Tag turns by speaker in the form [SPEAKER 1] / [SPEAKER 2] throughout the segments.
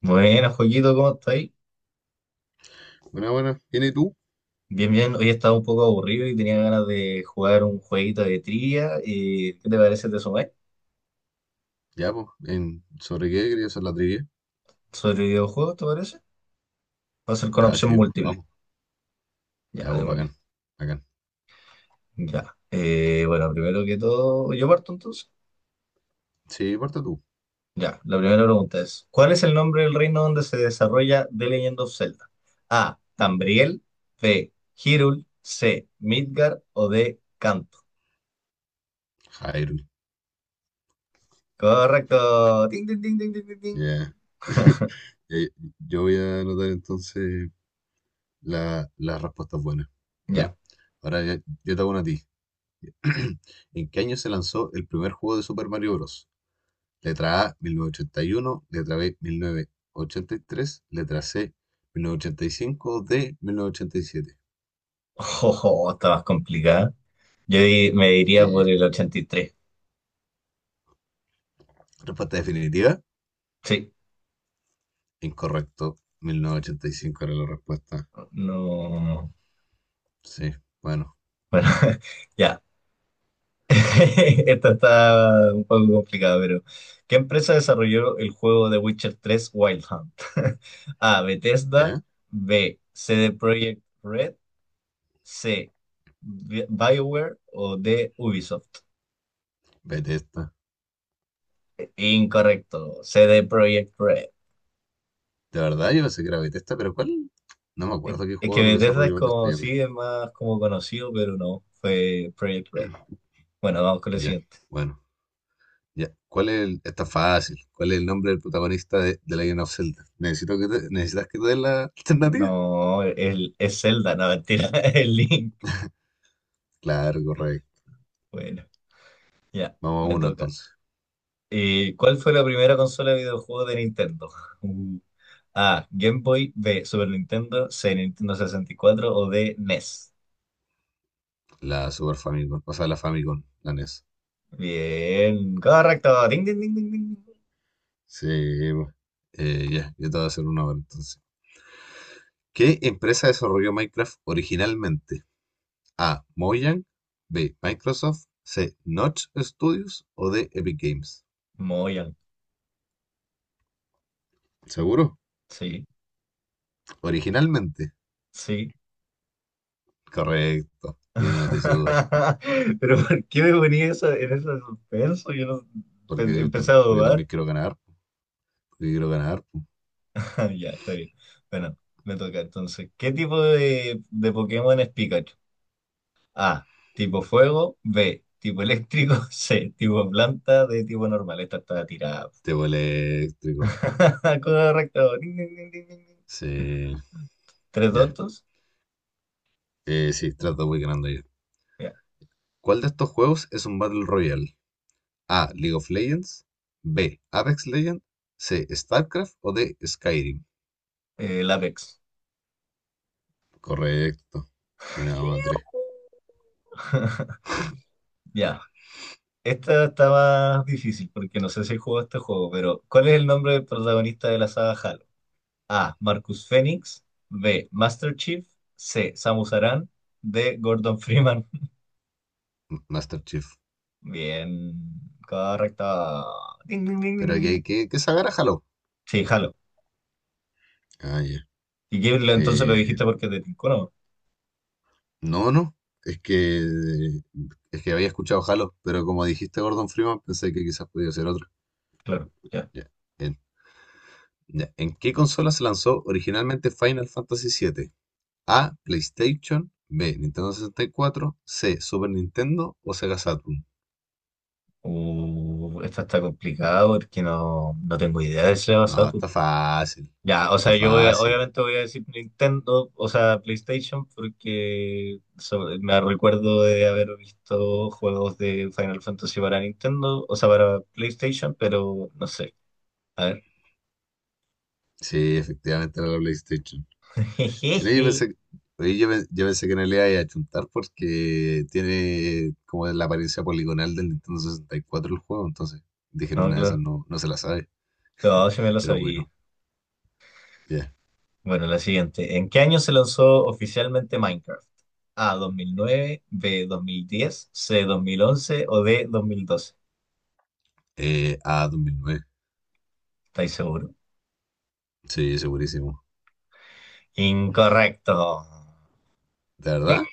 [SPEAKER 1] Buenas, Joaquito, ¿cómo estáis?
[SPEAKER 2] Buena, buena. ¿Viene tú?
[SPEAKER 1] Bien, bien. Hoy estaba un poco aburrido y tenía ganas de jugar un jueguito de trivia. ¿Qué te parece? ¿Te sumáis?
[SPEAKER 2] Ya, pues. ¿Sobre qué querías hacer la trivia?
[SPEAKER 1] ¿Sobre videojuegos, te parece? Va a ser con
[SPEAKER 2] Ya,
[SPEAKER 1] opción
[SPEAKER 2] sí, pues,
[SPEAKER 1] múltiple.
[SPEAKER 2] vamos.
[SPEAKER 1] Ya,
[SPEAKER 2] Ya, pues,
[SPEAKER 1] démosle.
[SPEAKER 2] bacán. Bacán.
[SPEAKER 1] Ya. Bueno, primero que todo, ¿yo parto entonces?
[SPEAKER 2] Sí, parte tú.
[SPEAKER 1] Ya, la primera pregunta es, ¿cuál es el nombre del reino donde se desarrolla The Legend of Zelda? A. Tambriel. B. Hyrule. C. Midgar. O D. Canto.
[SPEAKER 2] Hyrule.
[SPEAKER 1] Correcto. Ding, ding, ding, ding, ding, ding, ding.
[SPEAKER 2] Ya. Eh, Yo voy a anotar entonces las respuestas buenas.
[SPEAKER 1] Ya.
[SPEAKER 2] ¿Ya? Ahora yo te hago una a ti. ¿En qué año se lanzó el primer juego de Super Mario Bros? Letra A, 1981, letra B, 1983, letra C, 1985, D, 1987.
[SPEAKER 1] Jojo, está más complicada. Me diría
[SPEAKER 2] Sí.
[SPEAKER 1] por el 83.
[SPEAKER 2] Respuesta definitiva.
[SPEAKER 1] Sí,
[SPEAKER 2] Incorrecto. Mil novecientos ochenta y cinco era la respuesta.
[SPEAKER 1] no.
[SPEAKER 2] Sí, bueno,
[SPEAKER 1] Bueno, ya. Esta está un poco complicada, pero ¿qué empresa desarrolló el juego de Witcher 3, Wild Hunt? A. Bethesda.
[SPEAKER 2] ya.
[SPEAKER 1] B. C. CD Projekt Red. C. BioWare o D. Ubisoft.
[SPEAKER 2] Bethesda.
[SPEAKER 1] Incorrecto. C. CD Projekt Red.
[SPEAKER 2] De verdad, yo pensé que era Bethesda, pero ¿cuál? No me
[SPEAKER 1] Es
[SPEAKER 2] acuerdo qué
[SPEAKER 1] es que
[SPEAKER 2] jugador
[SPEAKER 1] Bethesda es
[SPEAKER 2] desarrolló Bethesda
[SPEAKER 1] como,
[SPEAKER 2] ya, pero.
[SPEAKER 1] sí, es más como conocido, pero no. Fue Projekt Red. Bueno, vamos con lo
[SPEAKER 2] Ya,
[SPEAKER 1] siguiente.
[SPEAKER 2] bueno. Ya. Está fácil. ¿Cuál es el nombre del protagonista de The Legend of Zelda? ¿Necesitas que te dé la alternativa?
[SPEAKER 1] No, el, es Zelda, no, mentira, es Link.
[SPEAKER 2] Claro, correcto.
[SPEAKER 1] Bueno, ya,
[SPEAKER 2] Vamos a
[SPEAKER 1] me
[SPEAKER 2] uno
[SPEAKER 1] toca.
[SPEAKER 2] entonces.
[SPEAKER 1] ¿Cuál fue la primera consola de videojuegos de Nintendo? Uh, A, Game Boy, B, Super Nintendo, C, Nintendo 64 o D, NES.
[SPEAKER 2] La Super Famicom. O sea, la Famicom, la NES.
[SPEAKER 1] Bien, correcto. Ding, ding, ding, ding, ding.
[SPEAKER 2] Sí, pues. Ya, yo te voy a hacer una ahora entonces. ¿Qué empresa desarrolló Minecraft originalmente? A. Mojang, B. Microsoft, C. Notch Studios o D. Epic Games.
[SPEAKER 1] Muy bien.
[SPEAKER 2] ¿Seguro?
[SPEAKER 1] Sí,
[SPEAKER 2] Originalmente.
[SPEAKER 1] sí.
[SPEAKER 2] Correcto. Tiene no te hice dudar.
[SPEAKER 1] Pero ¿por qué me ponía eso en ese suspenso? Yo no,
[SPEAKER 2] Porque,
[SPEAKER 1] empecé a
[SPEAKER 2] porque
[SPEAKER 1] dudar.
[SPEAKER 2] también quiero ganar. Porque quiero ganar.
[SPEAKER 1] Ah, ya, está bien. Bueno, me toca entonces. ¿Qué tipo de Pokémon es Pikachu? A, tipo fuego, B, tipo eléctrico, C, tipo planta, D, tipo normal. Esta está tirada.
[SPEAKER 2] Tebo eléctrico.
[SPEAKER 1] Correcto. Ding, ding, ding, ding, ding, ding.
[SPEAKER 2] Sí.
[SPEAKER 1] ¿Tres
[SPEAKER 2] Ya.
[SPEAKER 1] dotos?
[SPEAKER 2] Sí, trato, voy ganando ya.
[SPEAKER 1] Ya.
[SPEAKER 2] ¿Cuál de estos juegos es un Battle Royale? A. League of Legends. B. Apex Legends. C. StarCraft o D. Skyrim.
[SPEAKER 1] Lápiz.
[SPEAKER 2] Correcto. Mira, madre.
[SPEAKER 1] Ya. Esta está más difícil porque no sé si jugó este juego, pero ¿cuál es el nombre del protagonista de la saga Halo? A. Marcus Fenix. B. Master Chief. C. Samus Aran. D. Gordon Freeman.
[SPEAKER 2] Master Chief.
[SPEAKER 1] Bien, correcto. Ding, ding, ding, ding,
[SPEAKER 2] Pero
[SPEAKER 1] ding.
[SPEAKER 2] que se agarra, jalo.
[SPEAKER 1] Sí, jalo.
[SPEAKER 2] Ah, ya.
[SPEAKER 1] ¿Y qué, entonces lo
[SPEAKER 2] Eh,
[SPEAKER 1] dijiste porque te tincó, no?
[SPEAKER 2] no, no. Es que, es que había escuchado Halo, pero como dijiste Gordon Freeman, pensé que quizás podía ser otro.
[SPEAKER 1] Claro, ya.
[SPEAKER 2] Ya. En, ya. ¿En qué consola se lanzó originalmente Final Fantasy VII? A. PlayStation. B. Nintendo 64. C. Super Nintendo o Sega Saturn.
[SPEAKER 1] Esta está complicada porque no, no tengo idea de ese
[SPEAKER 2] No,
[SPEAKER 1] tú.
[SPEAKER 2] está fácil.
[SPEAKER 1] Ya, o
[SPEAKER 2] Está
[SPEAKER 1] sea,
[SPEAKER 2] fácil.
[SPEAKER 1] obviamente voy a decir Nintendo, o sea, PlayStation, porque me recuerdo de haber visto juegos de Final Fantasy para Nintendo, o sea, para PlayStation, pero no sé. A ver.
[SPEAKER 2] Sí, efectivamente era la PlayStation. Mira, yo
[SPEAKER 1] Jejeje.
[SPEAKER 2] pensé, oye, yo pensé que no le iba a achuntar porque tiene como la apariencia poligonal del Nintendo 64 el juego, entonces dijeron
[SPEAKER 1] No,
[SPEAKER 2] una de esas
[SPEAKER 1] claro.
[SPEAKER 2] no, no se la sabe,
[SPEAKER 1] No, sí me lo
[SPEAKER 2] pero
[SPEAKER 1] sabía.
[SPEAKER 2] bueno, ya.
[SPEAKER 1] Bueno, la siguiente. ¿En qué año se lanzó oficialmente Minecraft? A, 2009, B, 2010, C, 2011 o D, 2012.
[SPEAKER 2] 2009,
[SPEAKER 1] ¿Estáis seguro?
[SPEAKER 2] sí, segurísimo.
[SPEAKER 1] Incorrecto.
[SPEAKER 2] ¿De verdad?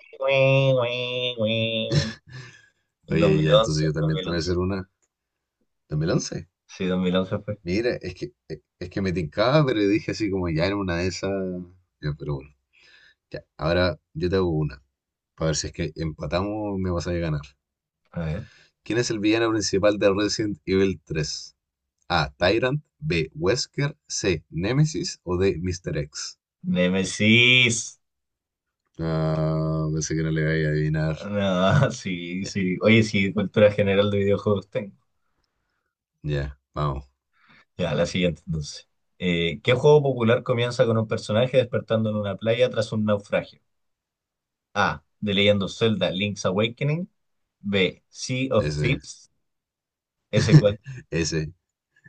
[SPEAKER 1] Dos
[SPEAKER 2] Oye,
[SPEAKER 1] mil
[SPEAKER 2] ya, entonces
[SPEAKER 1] once,
[SPEAKER 2] yo
[SPEAKER 1] dos
[SPEAKER 2] también
[SPEAKER 1] mil
[SPEAKER 2] te voy a
[SPEAKER 1] once.
[SPEAKER 2] hacer una. ¿2011?
[SPEAKER 1] Sí, 2011 fue.
[SPEAKER 2] Mira, es que me tincaba, pero dije así como ya era una de esas. Ya, pero bueno, ya. Ahora yo te hago una, para ver si es que empatamos me vas a ganar.
[SPEAKER 1] A ver.
[SPEAKER 2] ¿Quién es el villano principal de Resident Evil 3? A. Tyrant. B. Wesker. C. Nemesis. O D. Mr. X.
[SPEAKER 1] Nemesis.
[SPEAKER 2] Ah, pensé que no le iba a adivinar.
[SPEAKER 1] No, sí,
[SPEAKER 2] Ya,
[SPEAKER 1] sí. Oye, sí, cultura general de videojuegos tengo.
[SPEAKER 2] ya, vamos.
[SPEAKER 1] Ya, la siguiente entonces. ¿Qué juego popular comienza con un personaje despertando en una playa tras un naufragio? A. The Legend of Zelda Link's Awakening. B. Sea of
[SPEAKER 2] Ese.
[SPEAKER 1] Thieves. ¿Ese cuál?
[SPEAKER 2] Ese.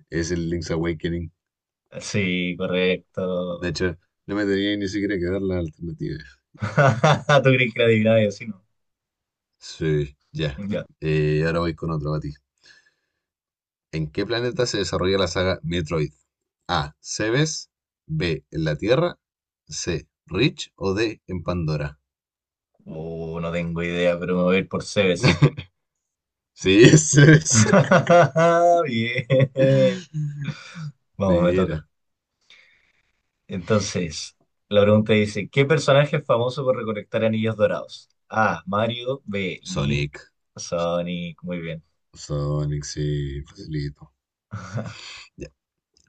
[SPEAKER 2] Es el Link's Awakening.
[SPEAKER 1] Sí,
[SPEAKER 2] De
[SPEAKER 1] correcto.
[SPEAKER 2] hecho, no me tenía ni siquiera que dar la alternativa.
[SPEAKER 1] ¿Tú crees que era adivinaba y así, no?
[SPEAKER 2] Sí, ya.
[SPEAKER 1] Ya.
[SPEAKER 2] Ahora voy con otro para ti. ¿En qué planeta se desarrolla la saga Metroid? A. Cebes. B. En la Tierra. C. Rich. O D. En Pandora.
[SPEAKER 1] No tengo idea, pero me voy a ir por Cebes.
[SPEAKER 2] Sí, ese es.
[SPEAKER 1] Bien. Vamos, me toca.
[SPEAKER 2] Mira,
[SPEAKER 1] Entonces, la pregunta dice, ¿qué personaje es famoso por recolectar anillos dorados? A. Mario. B. Link.
[SPEAKER 2] Sonic.
[SPEAKER 1] Sonic. Muy bien.
[SPEAKER 2] Sonic, sí, facilito. Ya.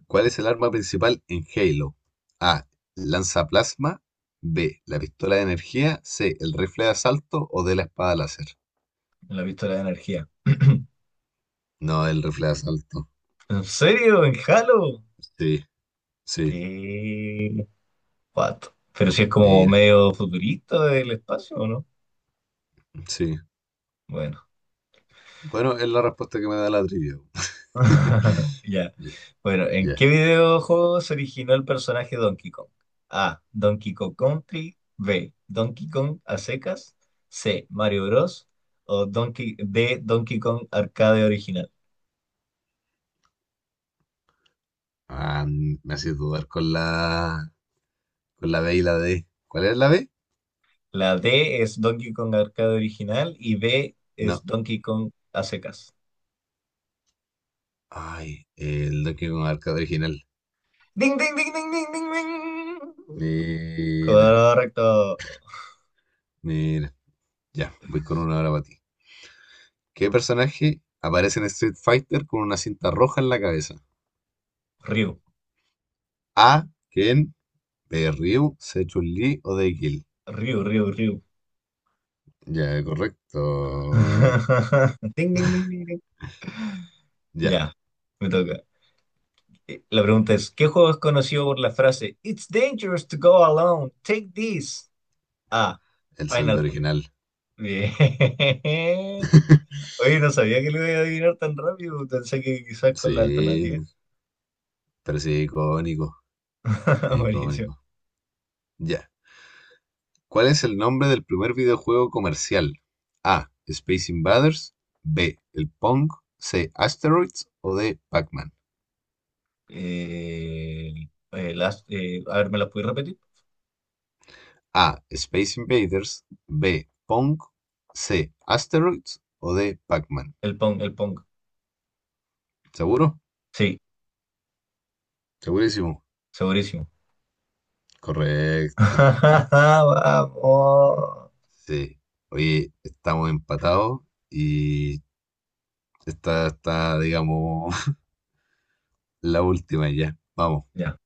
[SPEAKER 2] ¿Cuál es el arma principal en Halo? A. lanza plasma. B. La pistola de energía. C. El rifle de asalto o de la espada láser.
[SPEAKER 1] La pistola de energía.
[SPEAKER 2] No, el rifle de asalto.
[SPEAKER 1] ¿En serio? ¿En Halo?
[SPEAKER 2] Sí, sí.
[SPEAKER 1] Qué pato. Pero si es como
[SPEAKER 2] Mira,
[SPEAKER 1] medio futurista del espacio, ¿o no?
[SPEAKER 2] sí.
[SPEAKER 1] Bueno.
[SPEAKER 2] Bueno, es la respuesta que me da la trivia.
[SPEAKER 1] Ya.
[SPEAKER 2] Ya.
[SPEAKER 1] Bueno, ¿en
[SPEAKER 2] Ya.
[SPEAKER 1] qué videojuego se originó el personaje Donkey Kong? A. Donkey Kong Country. B. Donkey Kong a secas. C. Mario Bros. O Donkey, D. Donkey Kong Arcade original.
[SPEAKER 2] Ah, me haces dudar con la B y la D. ¿Cuál es la B?
[SPEAKER 1] La D es Donkey Kong Arcade original y B es
[SPEAKER 2] No.
[SPEAKER 1] Donkey Kong a secas.
[SPEAKER 2] Ay, el Donkey Kong Arcade original.
[SPEAKER 1] ¡Ding, ding, ding, ding, ding, ding, ding!
[SPEAKER 2] Mira,
[SPEAKER 1] Correcto.
[SPEAKER 2] mira. Ya, voy con una hora para ti. ¿Qué personaje aparece en Street Fighter con una cinta roja en la cabeza?
[SPEAKER 1] Ryu.
[SPEAKER 2] A. Ken. B. Ryu. C. Chun-Li o D. Gil.
[SPEAKER 1] Ryu, Ryu, Ryu.
[SPEAKER 2] Ya, correcto.
[SPEAKER 1] Ding, ding, ding, ding, ding.
[SPEAKER 2] Ya,
[SPEAKER 1] Ya, me toca. La pregunta es, ¿qué juego es conocido por la frase It's dangerous to go alone, take this? A.
[SPEAKER 2] el saldo
[SPEAKER 1] Final...
[SPEAKER 2] original.
[SPEAKER 1] Bien. Oye, no sabía que lo iba a adivinar tan rápido. Pensé que quizás con la alternativa.
[SPEAKER 2] Sí, pero sí, icónico.
[SPEAKER 1] Buenísimo.
[SPEAKER 2] Icónico. Ya. ¿Cuál es el nombre del primer videojuego comercial? A. Space Invaders. B. El Pong. C. Asteroids. O D. Pac-Man.
[SPEAKER 1] A ver, ¿me las puedes repetir?
[SPEAKER 2] A. Space Invaders. B. Pong. C. Asteroids. O D. Pac-Man.
[SPEAKER 1] El Pong, el Pong.
[SPEAKER 2] ¿Seguro?
[SPEAKER 1] Sí,
[SPEAKER 2] Segurísimo.
[SPEAKER 1] segurísimo.
[SPEAKER 2] Correcto.
[SPEAKER 1] Vamos.
[SPEAKER 2] Sí. Oye, estamos empatados y esta está, digamos, la última ya. Vamos.
[SPEAKER 1] Ya.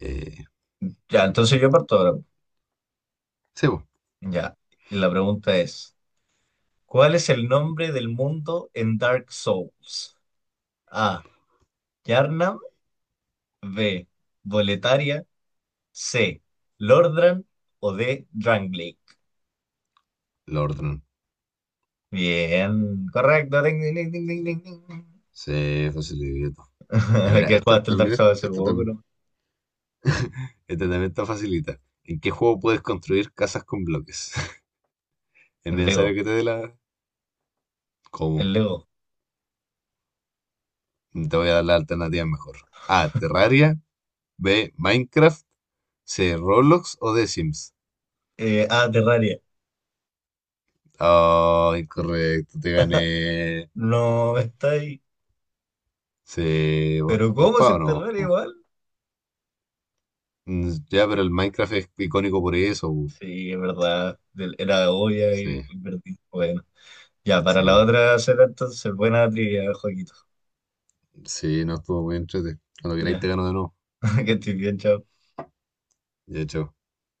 [SPEAKER 2] Eh,
[SPEAKER 1] Ya, entonces yo parto ahora.
[SPEAKER 2] sí, po,
[SPEAKER 1] Ya, y la pregunta es, ¿cuál es el nombre del mundo en Dark Souls? A. Yharnam, B. Boletaria, C. Lordran o D. Drangleic.
[SPEAKER 2] lo ordenan.
[SPEAKER 1] Bien, correcto. Ding, ding, ding, ding, ding, ding, ding.
[SPEAKER 2] Se facilitó. Ya, mira,
[SPEAKER 1] Que
[SPEAKER 2] esta
[SPEAKER 1] jugaste el Dark
[SPEAKER 2] también,
[SPEAKER 1] Souls hace poco, ¿no?
[SPEAKER 2] esta también está facilita. ¿En qué juego puedes construir casas con bloques? ¿Es
[SPEAKER 1] En Lego,
[SPEAKER 2] necesario que te dé la?
[SPEAKER 1] en
[SPEAKER 2] ¿Cómo?
[SPEAKER 1] Lego.
[SPEAKER 2] Te voy a dar la alternativa mejor. A. Terraria. B. Minecraft. C. Roblox o The Sims.
[SPEAKER 1] Terraria.
[SPEAKER 2] Oh, incorrecto. Te gané.
[SPEAKER 1] No, está ahí.
[SPEAKER 2] Sí, por,
[SPEAKER 1] ¿Pero
[SPEAKER 2] por
[SPEAKER 1] cómo es
[SPEAKER 2] pavo
[SPEAKER 1] en
[SPEAKER 2] ¿no?
[SPEAKER 1] Terraria
[SPEAKER 2] po.
[SPEAKER 1] igual?
[SPEAKER 2] Ya, pero el Minecraft es icónico por eso. Po.
[SPEAKER 1] Sí, es verdad. Era obvia y
[SPEAKER 2] Sí,
[SPEAKER 1] y perdí. Bueno. Ya, para la
[SPEAKER 2] sí.
[SPEAKER 1] otra será entonces buena trivia, Joaquito.
[SPEAKER 2] Sí, no estuvo muy entrete. Cuando queráis te
[SPEAKER 1] Ya,
[SPEAKER 2] gano de nuevo.
[SPEAKER 1] que estoy bien, chao.
[SPEAKER 2] De hecho.